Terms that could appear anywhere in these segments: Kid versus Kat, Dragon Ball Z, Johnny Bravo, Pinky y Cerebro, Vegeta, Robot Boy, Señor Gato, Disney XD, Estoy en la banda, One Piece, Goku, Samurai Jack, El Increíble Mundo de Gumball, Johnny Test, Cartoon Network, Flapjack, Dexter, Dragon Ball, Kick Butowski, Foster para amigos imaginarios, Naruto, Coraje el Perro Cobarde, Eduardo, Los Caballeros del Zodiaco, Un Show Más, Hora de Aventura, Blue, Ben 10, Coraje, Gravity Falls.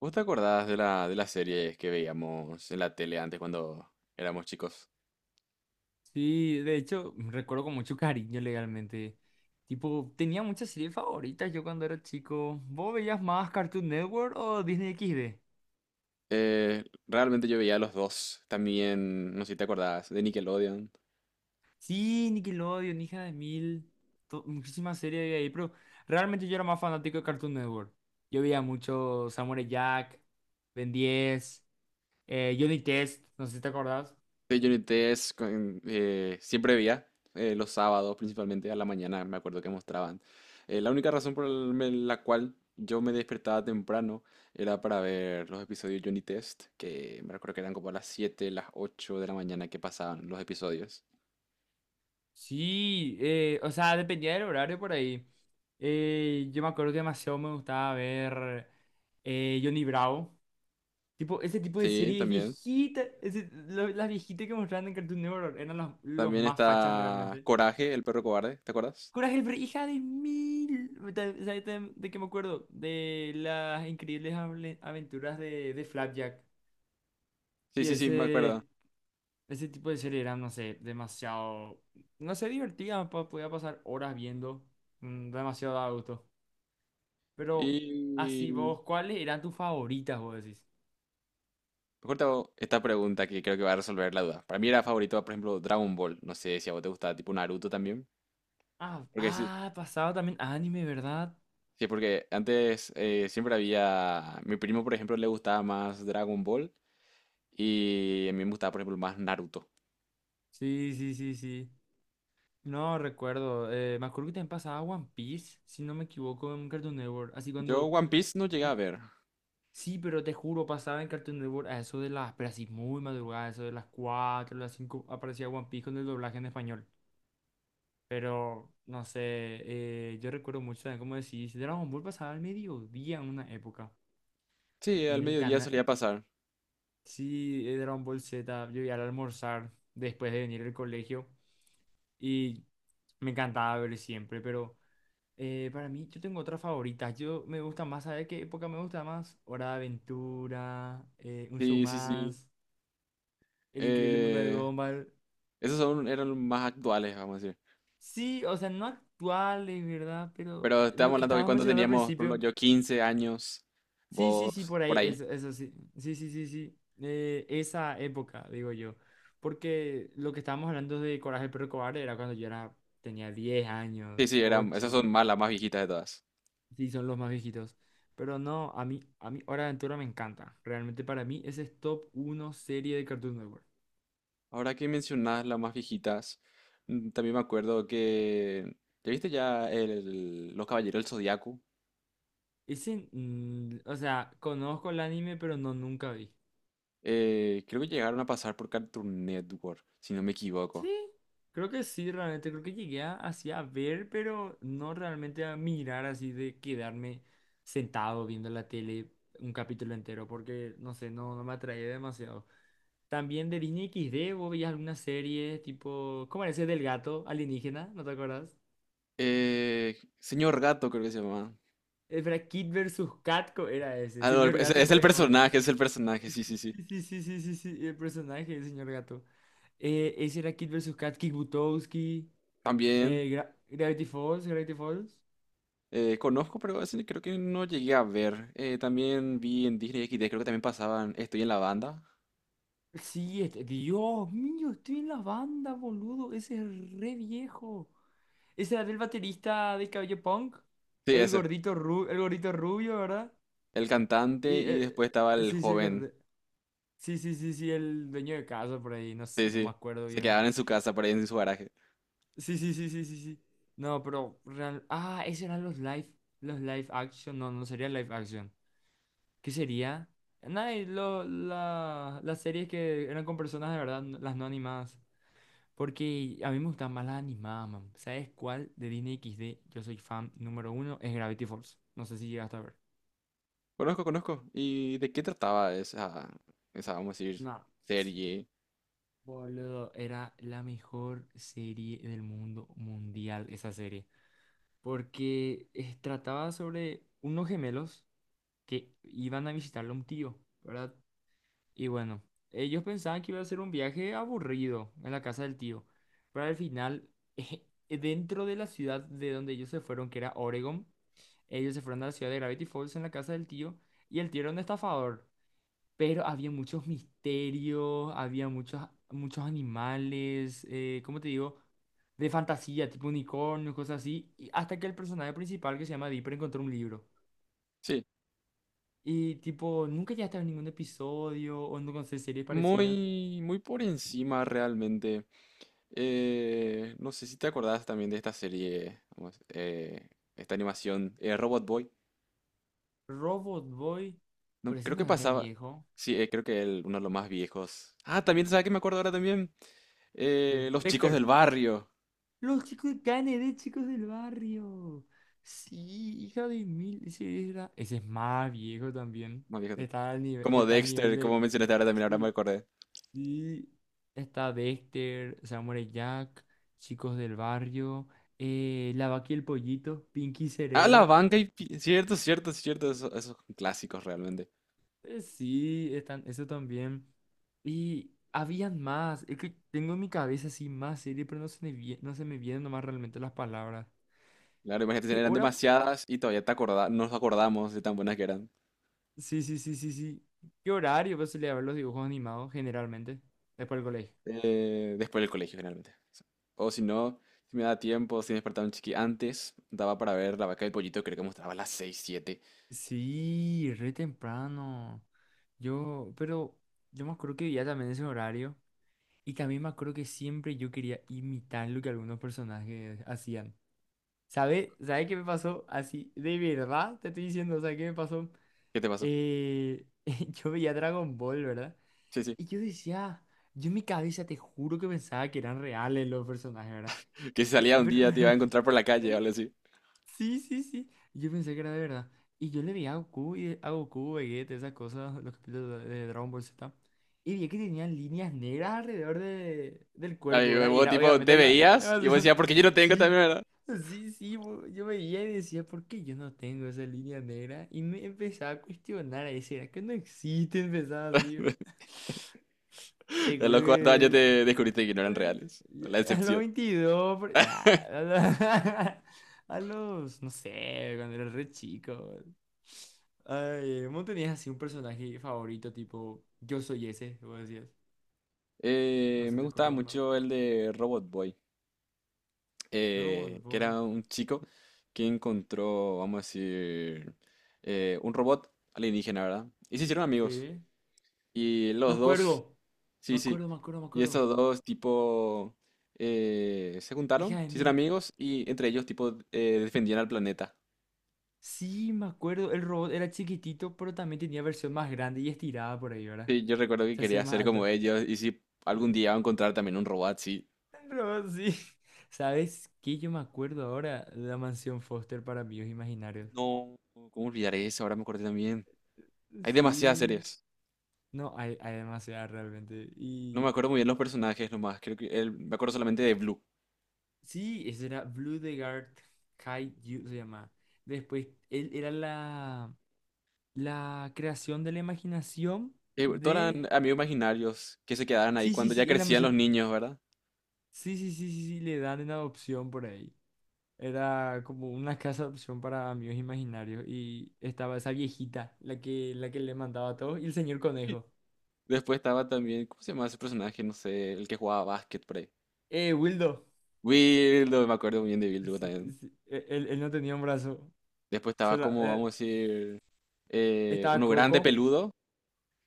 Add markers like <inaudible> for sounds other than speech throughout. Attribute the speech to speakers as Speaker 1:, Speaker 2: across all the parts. Speaker 1: ¿Vos te acordás de las series que veíamos en la tele antes cuando éramos chicos?
Speaker 2: Sí, de hecho, recuerdo con mucho cariño legalmente. Tipo, tenía muchas series favoritas yo cuando era chico. ¿Vos veías más Cartoon Network o Disney XD?
Speaker 1: Realmente yo veía a los dos. También, no sé si te acordás, de Nickelodeon,
Speaker 2: Sí, Nickelodeon, hija de mil. Muchísimas series había ahí, pero realmente yo era más fanático de Cartoon Network. Yo veía mucho Samurai Jack, Ben 10, Johnny Test, no sé si te acordás.
Speaker 1: de Johnny Test. Siempre veía los sábados, principalmente a la mañana, me acuerdo que mostraban. La única razón la cual yo me despertaba temprano era para ver los episodios de Johnny Test, que me recuerdo que eran como a las 7, las 8 de la mañana que pasaban los episodios.
Speaker 2: Sí, o sea, dependía del horario por ahí. Yo me acuerdo que demasiado me gustaba ver Johnny Bravo. Tipo, ese tipo de
Speaker 1: Sí,
Speaker 2: series
Speaker 1: también.
Speaker 2: viejitas, las viejitas que mostraban en Cartoon Network eran los
Speaker 1: También
Speaker 2: más fachas
Speaker 1: está
Speaker 2: realmente.
Speaker 1: Coraje, el perro cobarde, ¿te acuerdas?
Speaker 2: Hija de mil. ¿Sabes de qué me acuerdo? De las aventuras de Flapjack.
Speaker 1: Sí,
Speaker 2: Y
Speaker 1: sí, sí, me
Speaker 2: ese,
Speaker 1: acuerdo.
Speaker 2: ese tipo de serie eran, no sé, demasiado, no sé, podía pasar horas viendo, demasiado a gusto. Pero así
Speaker 1: Y
Speaker 2: vos, ¿cuáles eran tus favoritas, vos decís?
Speaker 1: mejor te hago esta pregunta que creo que va a resolver la duda. Para mí era favorito, por ejemplo, Dragon Ball. No sé si a vos te gustaba tipo Naruto también. Porque sí,
Speaker 2: ¿Pasaba también anime, verdad?
Speaker 1: sí, porque antes siempre había. Mi primo, por ejemplo, le gustaba más Dragon Ball y a mí me gustaba, por ejemplo, más Naruto.
Speaker 2: Sí, sí, sí, sí. No recuerdo. Me acuerdo que también pasaba One Piece, si no me equivoco, en Cartoon Network. Así
Speaker 1: Yo
Speaker 2: cuando.
Speaker 1: One Piece no llegué
Speaker 2: eh,
Speaker 1: a ver.
Speaker 2: Sí, pero te juro, pasaba en Cartoon Network a eso de las. Pero así muy madrugada, eso de las 4 las 5 aparecía One Piece con el doblaje en español. Pero, no sé, yo recuerdo mucho también, como decís, Dragon Ball pasaba al mediodía en una época.
Speaker 1: Sí, al
Speaker 2: En el
Speaker 1: mediodía
Speaker 2: canal.
Speaker 1: solía pasar.
Speaker 2: Sí, Dragon Ball Z, yo iba al almorzar después de venir del colegio. Y me encantaba ver siempre, pero. Para mí, yo tengo otra favorita. Yo me gusta más, ¿sabes qué época me gusta más? Hora de Aventura, Un Show
Speaker 1: Sí, sí, sí.
Speaker 2: Más, El Increíble Mundo de
Speaker 1: Eh,
Speaker 2: Gumball.
Speaker 1: Esos eran los más actuales, vamos a decir.
Speaker 2: Sí, o sea, no actuales, ¿verdad? Pero
Speaker 1: Pero
Speaker 2: lo
Speaker 1: estábamos
Speaker 2: que
Speaker 1: hablando que
Speaker 2: estabas
Speaker 1: cuando
Speaker 2: mencionando al
Speaker 1: teníamos, por ejemplo,
Speaker 2: principio.
Speaker 1: yo 15 años,
Speaker 2: Sí, sí, sí,
Speaker 1: vos
Speaker 2: por
Speaker 1: por
Speaker 2: ahí,
Speaker 1: ahí.
Speaker 2: eso sí. Sí, sí, sí, sí. Esa época, digo yo. Porque lo que estábamos hablando de Coraje el Perro Cobarde era cuando yo era, tenía 10
Speaker 1: Sí,
Speaker 2: años,
Speaker 1: sí, eran, esas son
Speaker 2: ocho.
Speaker 1: más, las más viejitas de todas.
Speaker 2: Sí, son los más viejitos. Pero no, a mí Hora de Aventura me encanta. Realmente para mí ese es top uno serie de Cartoon Network.
Speaker 1: Ahora que mencionás las más viejitas, también me acuerdo que, ¿ya viste ya Los Caballeros del Zodiaco?
Speaker 2: Ese, o sea, conozco el anime, pero no nunca vi.
Speaker 1: Creo que llegaron a pasar por Cartoon Network, si no me
Speaker 2: Sí,
Speaker 1: equivoco.
Speaker 2: creo que sí, realmente. Creo que llegué a, así a ver, pero no realmente a mirar así de quedarme sentado viendo la tele un capítulo entero, porque no sé, no, no me atraía demasiado. También de Disney XD, vos veías alguna serie tipo, ¿cómo era ese del gato alienígena? ¿No te acuerdas?
Speaker 1: Señor Gato creo que se llama.
Speaker 2: Espera, Kid versus Catco era ese.
Speaker 1: Ah, no, el- es, es el
Speaker 2: Es otro.
Speaker 1: personaje, es el personaje, sí, sí, sí.
Speaker 2: Sí, sí, sí, sí, sí, sí, el personaje del señor Gato. Ese era Kid versus Kat, Kick Butowski,
Speaker 1: También.
Speaker 2: Gravity Falls, Gravity Falls.
Speaker 1: Conozco, pero ese creo que no llegué a ver. También vi en Disney XD, creo que también pasaban Estoy en la banda.
Speaker 2: Sí, este, Dios mío, estoy en la banda, boludo. Ese es re viejo. Ese era el baterista de cabello punk.
Speaker 1: Sí, ese.
Speaker 2: El gordito rubio, ¿verdad?
Speaker 1: El cantante
Speaker 2: Y,
Speaker 1: y después estaba el
Speaker 2: sí, sí, el
Speaker 1: joven.
Speaker 2: cantante. Sí, sí, sí, sí, el dueño de casa por ahí,
Speaker 1: Sí,
Speaker 2: no me
Speaker 1: sí.
Speaker 2: acuerdo
Speaker 1: Se
Speaker 2: bien.
Speaker 1: quedaban en su casa, por ahí en su garaje.
Speaker 2: Sí, sí, sí, sí, sí, sí. No, pero real... Ah, esos eran los live action. No, no sería live action. ¿Qué sería? Nada, y las series que eran con personas de verdad, las no animadas. Porque a mí me gustan más las animadas, man. ¿Sabes cuál de Disney X D yo soy fan número uno? Es Gravity Falls. No sé si llegaste a ver.
Speaker 1: Conozco, conozco. ¿Y de qué trataba esa, vamos a decir,
Speaker 2: No, s-
Speaker 1: serie?
Speaker 2: boludo, era la mejor serie del mundo mundial, esa serie. Porque trataba sobre unos gemelos que iban a visitarle a un tío, ¿verdad? Y bueno, ellos pensaban que iba a ser un viaje aburrido en la casa del tío, pero al final, <laughs> dentro de la ciudad de donde ellos se fueron, que era Oregon, ellos se fueron a la ciudad de Gravity Falls en la casa del tío y el tío era un estafador, pero había muchos misterios, había muchos, muchos animales, ¿cómo te digo? De fantasía, tipo unicornios, cosas así, y hasta que el personaje principal que se llama Dipper encontró un libro.
Speaker 1: Sí.
Speaker 2: Y tipo, nunca ya estaba en ningún episodio o no sé series parecidas.
Speaker 1: Muy, muy por encima realmente. No sé si te acordás también de esta serie, vamos, esta animación, Robot Boy.
Speaker 2: Robot Boy,
Speaker 1: No,
Speaker 2: pero ese
Speaker 1: creo que
Speaker 2: no es re
Speaker 1: pasaba.
Speaker 2: viejo.
Speaker 1: Sí, creo que uno de los más viejos. Ah, también, ¿sabes qué me acuerdo ahora también? Los chicos del
Speaker 2: Dexter,
Speaker 1: barrio.
Speaker 2: los chicos de Kennedy, chicos del barrio. Sí, hija de mil. Ese, ese es más viejo también.
Speaker 1: Más viejos. Como
Speaker 2: Está al nivel
Speaker 1: Dexter, como
Speaker 2: de.
Speaker 1: mencionaste ahora también, ahora me
Speaker 2: Sí,
Speaker 1: acordé.
Speaker 2: sí. Está Dexter, Samurai Jack, chicos del barrio. La vaca y el pollito, Pinky y
Speaker 1: Ah, la
Speaker 2: Cerebro.
Speaker 1: banca y, cierto, cierto, cierto. Esos, esos clásicos realmente.
Speaker 2: Sí, están, eso también. Y habían más. Es que tengo en mi cabeza así más serie, pero no se me, no se me vienen nomás realmente las palabras.
Speaker 1: Claro, imagínate,
Speaker 2: ¿Qué
Speaker 1: eran
Speaker 2: hora?
Speaker 1: demasiadas y todavía nos acordamos de tan buenas que eran.
Speaker 2: Sí, sí, sí, sí, sí. ¿Qué horario vas a ver los dibujos animados generalmente? Después del colegio.
Speaker 1: Después del colegio, generalmente. O si no, si me daba tiempo, si me despertaba un chiqui antes, daba para ver la vaca y el pollito, creo que mostraba a las 6 7.
Speaker 2: Sí, re temprano. Yo, pero yo me acuerdo que vivía también ese horario. Y también me acuerdo que siempre yo quería imitar lo que algunos personajes hacían. ¿Sabes? ¿Sabes qué me pasó? Así, de verdad te estoy diciendo, o sea, ¿qué me pasó?
Speaker 1: ¿Qué te pasó?
Speaker 2: Eh, <laughs> yo veía Dragon Ball, ¿verdad?
Speaker 1: Sí, sí.
Speaker 2: Y yo decía, yo en mi cabeza te juro que pensaba que eran reales los personajes, ¿verdad?
Speaker 1: Que si salía un
Speaker 2: Pero,
Speaker 1: día te iba a
Speaker 2: <laughs>
Speaker 1: encontrar por la calle
Speaker 2: pero,
Speaker 1: o algo así.
Speaker 2: sí, sí, sí. Yo pensé que era de verdad. Y yo le vi a Goku, y a Goku, Vegeta, esas cosas, los capítulos de Dragon Ball Z. Y vi que tenían líneas negras alrededor de, del
Speaker 1: Ay,
Speaker 2: cuerpo, ¿verdad? Y
Speaker 1: vos
Speaker 2: era
Speaker 1: tipo,
Speaker 2: obviamente
Speaker 1: te
Speaker 2: la, la
Speaker 1: veías y vos decías,
Speaker 2: elevación.
Speaker 1: "Ah, porque yo no
Speaker 2: <laughs>
Speaker 1: tengo
Speaker 2: Sí,
Speaker 1: también, ¿verdad?"
Speaker 2: sí, sí. Yo veía y decía, ¿por qué yo no tengo esa línea negra? Y me empezaba a cuestionar, a decir, ¿será que no existe? Empezaba así.
Speaker 1: <laughs>
Speaker 2: <laughs> Te
Speaker 1: A
Speaker 2: juro
Speaker 1: los
Speaker 2: que
Speaker 1: 4 años te descubriste que no eran reales. La
Speaker 2: a los
Speaker 1: decepción.
Speaker 2: 22 <laughs> ah, a los, <laughs> a los, no sé, cuando era re chico. Ay, ¿vos tenías así un personaje favorito tipo yo soy ese? Vos decías, no
Speaker 1: Me
Speaker 2: se te
Speaker 1: gustaba
Speaker 2: ocurre uno.
Speaker 1: mucho el de Robot Boy,
Speaker 2: Robot
Speaker 1: que
Speaker 2: Boy.
Speaker 1: era un chico que encontró, vamos a decir, un robot alienígena, ¿verdad? Y se hicieron amigos.
Speaker 2: Sí.
Speaker 1: Y
Speaker 2: Me
Speaker 1: los dos.
Speaker 2: acuerdo. Me
Speaker 1: Sí, sí.
Speaker 2: acuerdo, me acuerdo, me
Speaker 1: Y
Speaker 2: acuerdo.
Speaker 1: estos dos, tipo, se
Speaker 2: Hija
Speaker 1: juntaron,
Speaker 2: de
Speaker 1: se hicieron
Speaker 2: mil.
Speaker 1: amigos y entre ellos, tipo, defendían al planeta.
Speaker 2: Sí, me acuerdo. El robot era chiquitito, pero también tenía versión más grande y estirada por ahí, ¿verdad?
Speaker 1: Sí, yo recuerdo que
Speaker 2: Se hacía
Speaker 1: quería
Speaker 2: más
Speaker 1: ser como
Speaker 2: alto.
Speaker 1: ellos y si algún día iba a
Speaker 2: Eh,
Speaker 1: encontrar también un robot, sí.
Speaker 2: No, sí. <laughs> ¿Sabes qué? Yo me acuerdo ahora de la mansión Foster para amigos imaginarios.
Speaker 1: No, ¿cómo olvidar eso? Ahora me acordé también. Hay demasiadas
Speaker 2: Sí.
Speaker 1: series.
Speaker 2: No, hay demasiada realmente.
Speaker 1: No me
Speaker 2: Y
Speaker 1: acuerdo muy bien los personajes nomás. Creo que me acuerdo solamente de Blue.
Speaker 2: sí, ese era Blue the Guard Kaiju se llama. Después, él era la creación de la imaginación
Speaker 1: Bueno, todos
Speaker 2: de...
Speaker 1: eran amigos imaginarios que se quedaron ahí
Speaker 2: Sí, sí,
Speaker 1: cuando ya
Speaker 2: sí, en la
Speaker 1: crecían los
Speaker 2: mansión...
Speaker 1: niños, ¿verdad?
Speaker 2: Sí, sí, sí, sí, sí, le dan en adopción por ahí. Era como una casa de opción para amigos imaginarios y estaba esa viejita, la que le mandaba a todos, y el señor conejo.
Speaker 1: Después estaba también, ¿cómo se llama ese personaje? No sé, el que jugaba básquet por ahí.
Speaker 2: Wildo.
Speaker 1: Wildo, me acuerdo bien de Wildo
Speaker 2: Sí,
Speaker 1: también.
Speaker 2: sí, él, él no tenía un brazo.
Speaker 1: Después
Speaker 2: Se
Speaker 1: estaba
Speaker 2: la-
Speaker 1: como, vamos
Speaker 2: eh,
Speaker 1: a decir,
Speaker 2: Estaba
Speaker 1: uno grande
Speaker 2: Coco.
Speaker 1: peludo,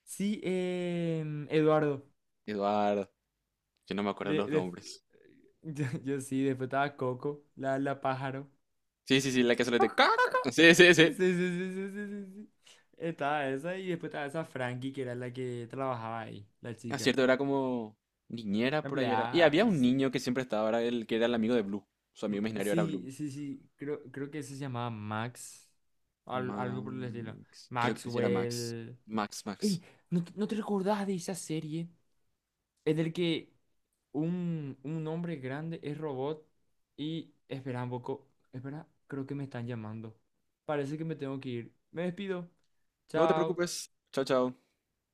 Speaker 2: Sí, Eduardo.
Speaker 1: Eduardo. Yo no me acuerdo
Speaker 2: De,
Speaker 1: los
Speaker 2: de-
Speaker 1: nombres.
Speaker 2: <laughs> yo sí, después estaba Coco, la pájaro.
Speaker 1: Sí, sí, sí, la que se le de
Speaker 2: Coco, Coco.
Speaker 1: caca. Sí, sí, sí.
Speaker 2: Sí, sí, sí, sí, sí, sí. Sí. Estaba esa y después estaba esa Frankie, que era la que trabajaba ahí, la
Speaker 1: A
Speaker 2: chica.
Speaker 1: cierto, era como niñera
Speaker 2: La
Speaker 1: por ahí era. Y
Speaker 2: empleada.
Speaker 1: había un niño que siempre estaba, era el que era el amigo de Blue. Su amigo imaginario era Blue.
Speaker 2: Sí, sí, sí, creo, creo que ese se llamaba Max, algo por el estilo.
Speaker 1: Max. Creo que sí era Max.
Speaker 2: Maxwell.
Speaker 1: Max, Max.
Speaker 2: Ey, ¿no, ¿te no te recordás de esa serie? Es del que un hombre grande es robot y espera un poco, espera, creo que me están llamando. Parece que me tengo que ir. Me despido.
Speaker 1: No te
Speaker 2: Chao.
Speaker 1: preocupes. Chao, chao.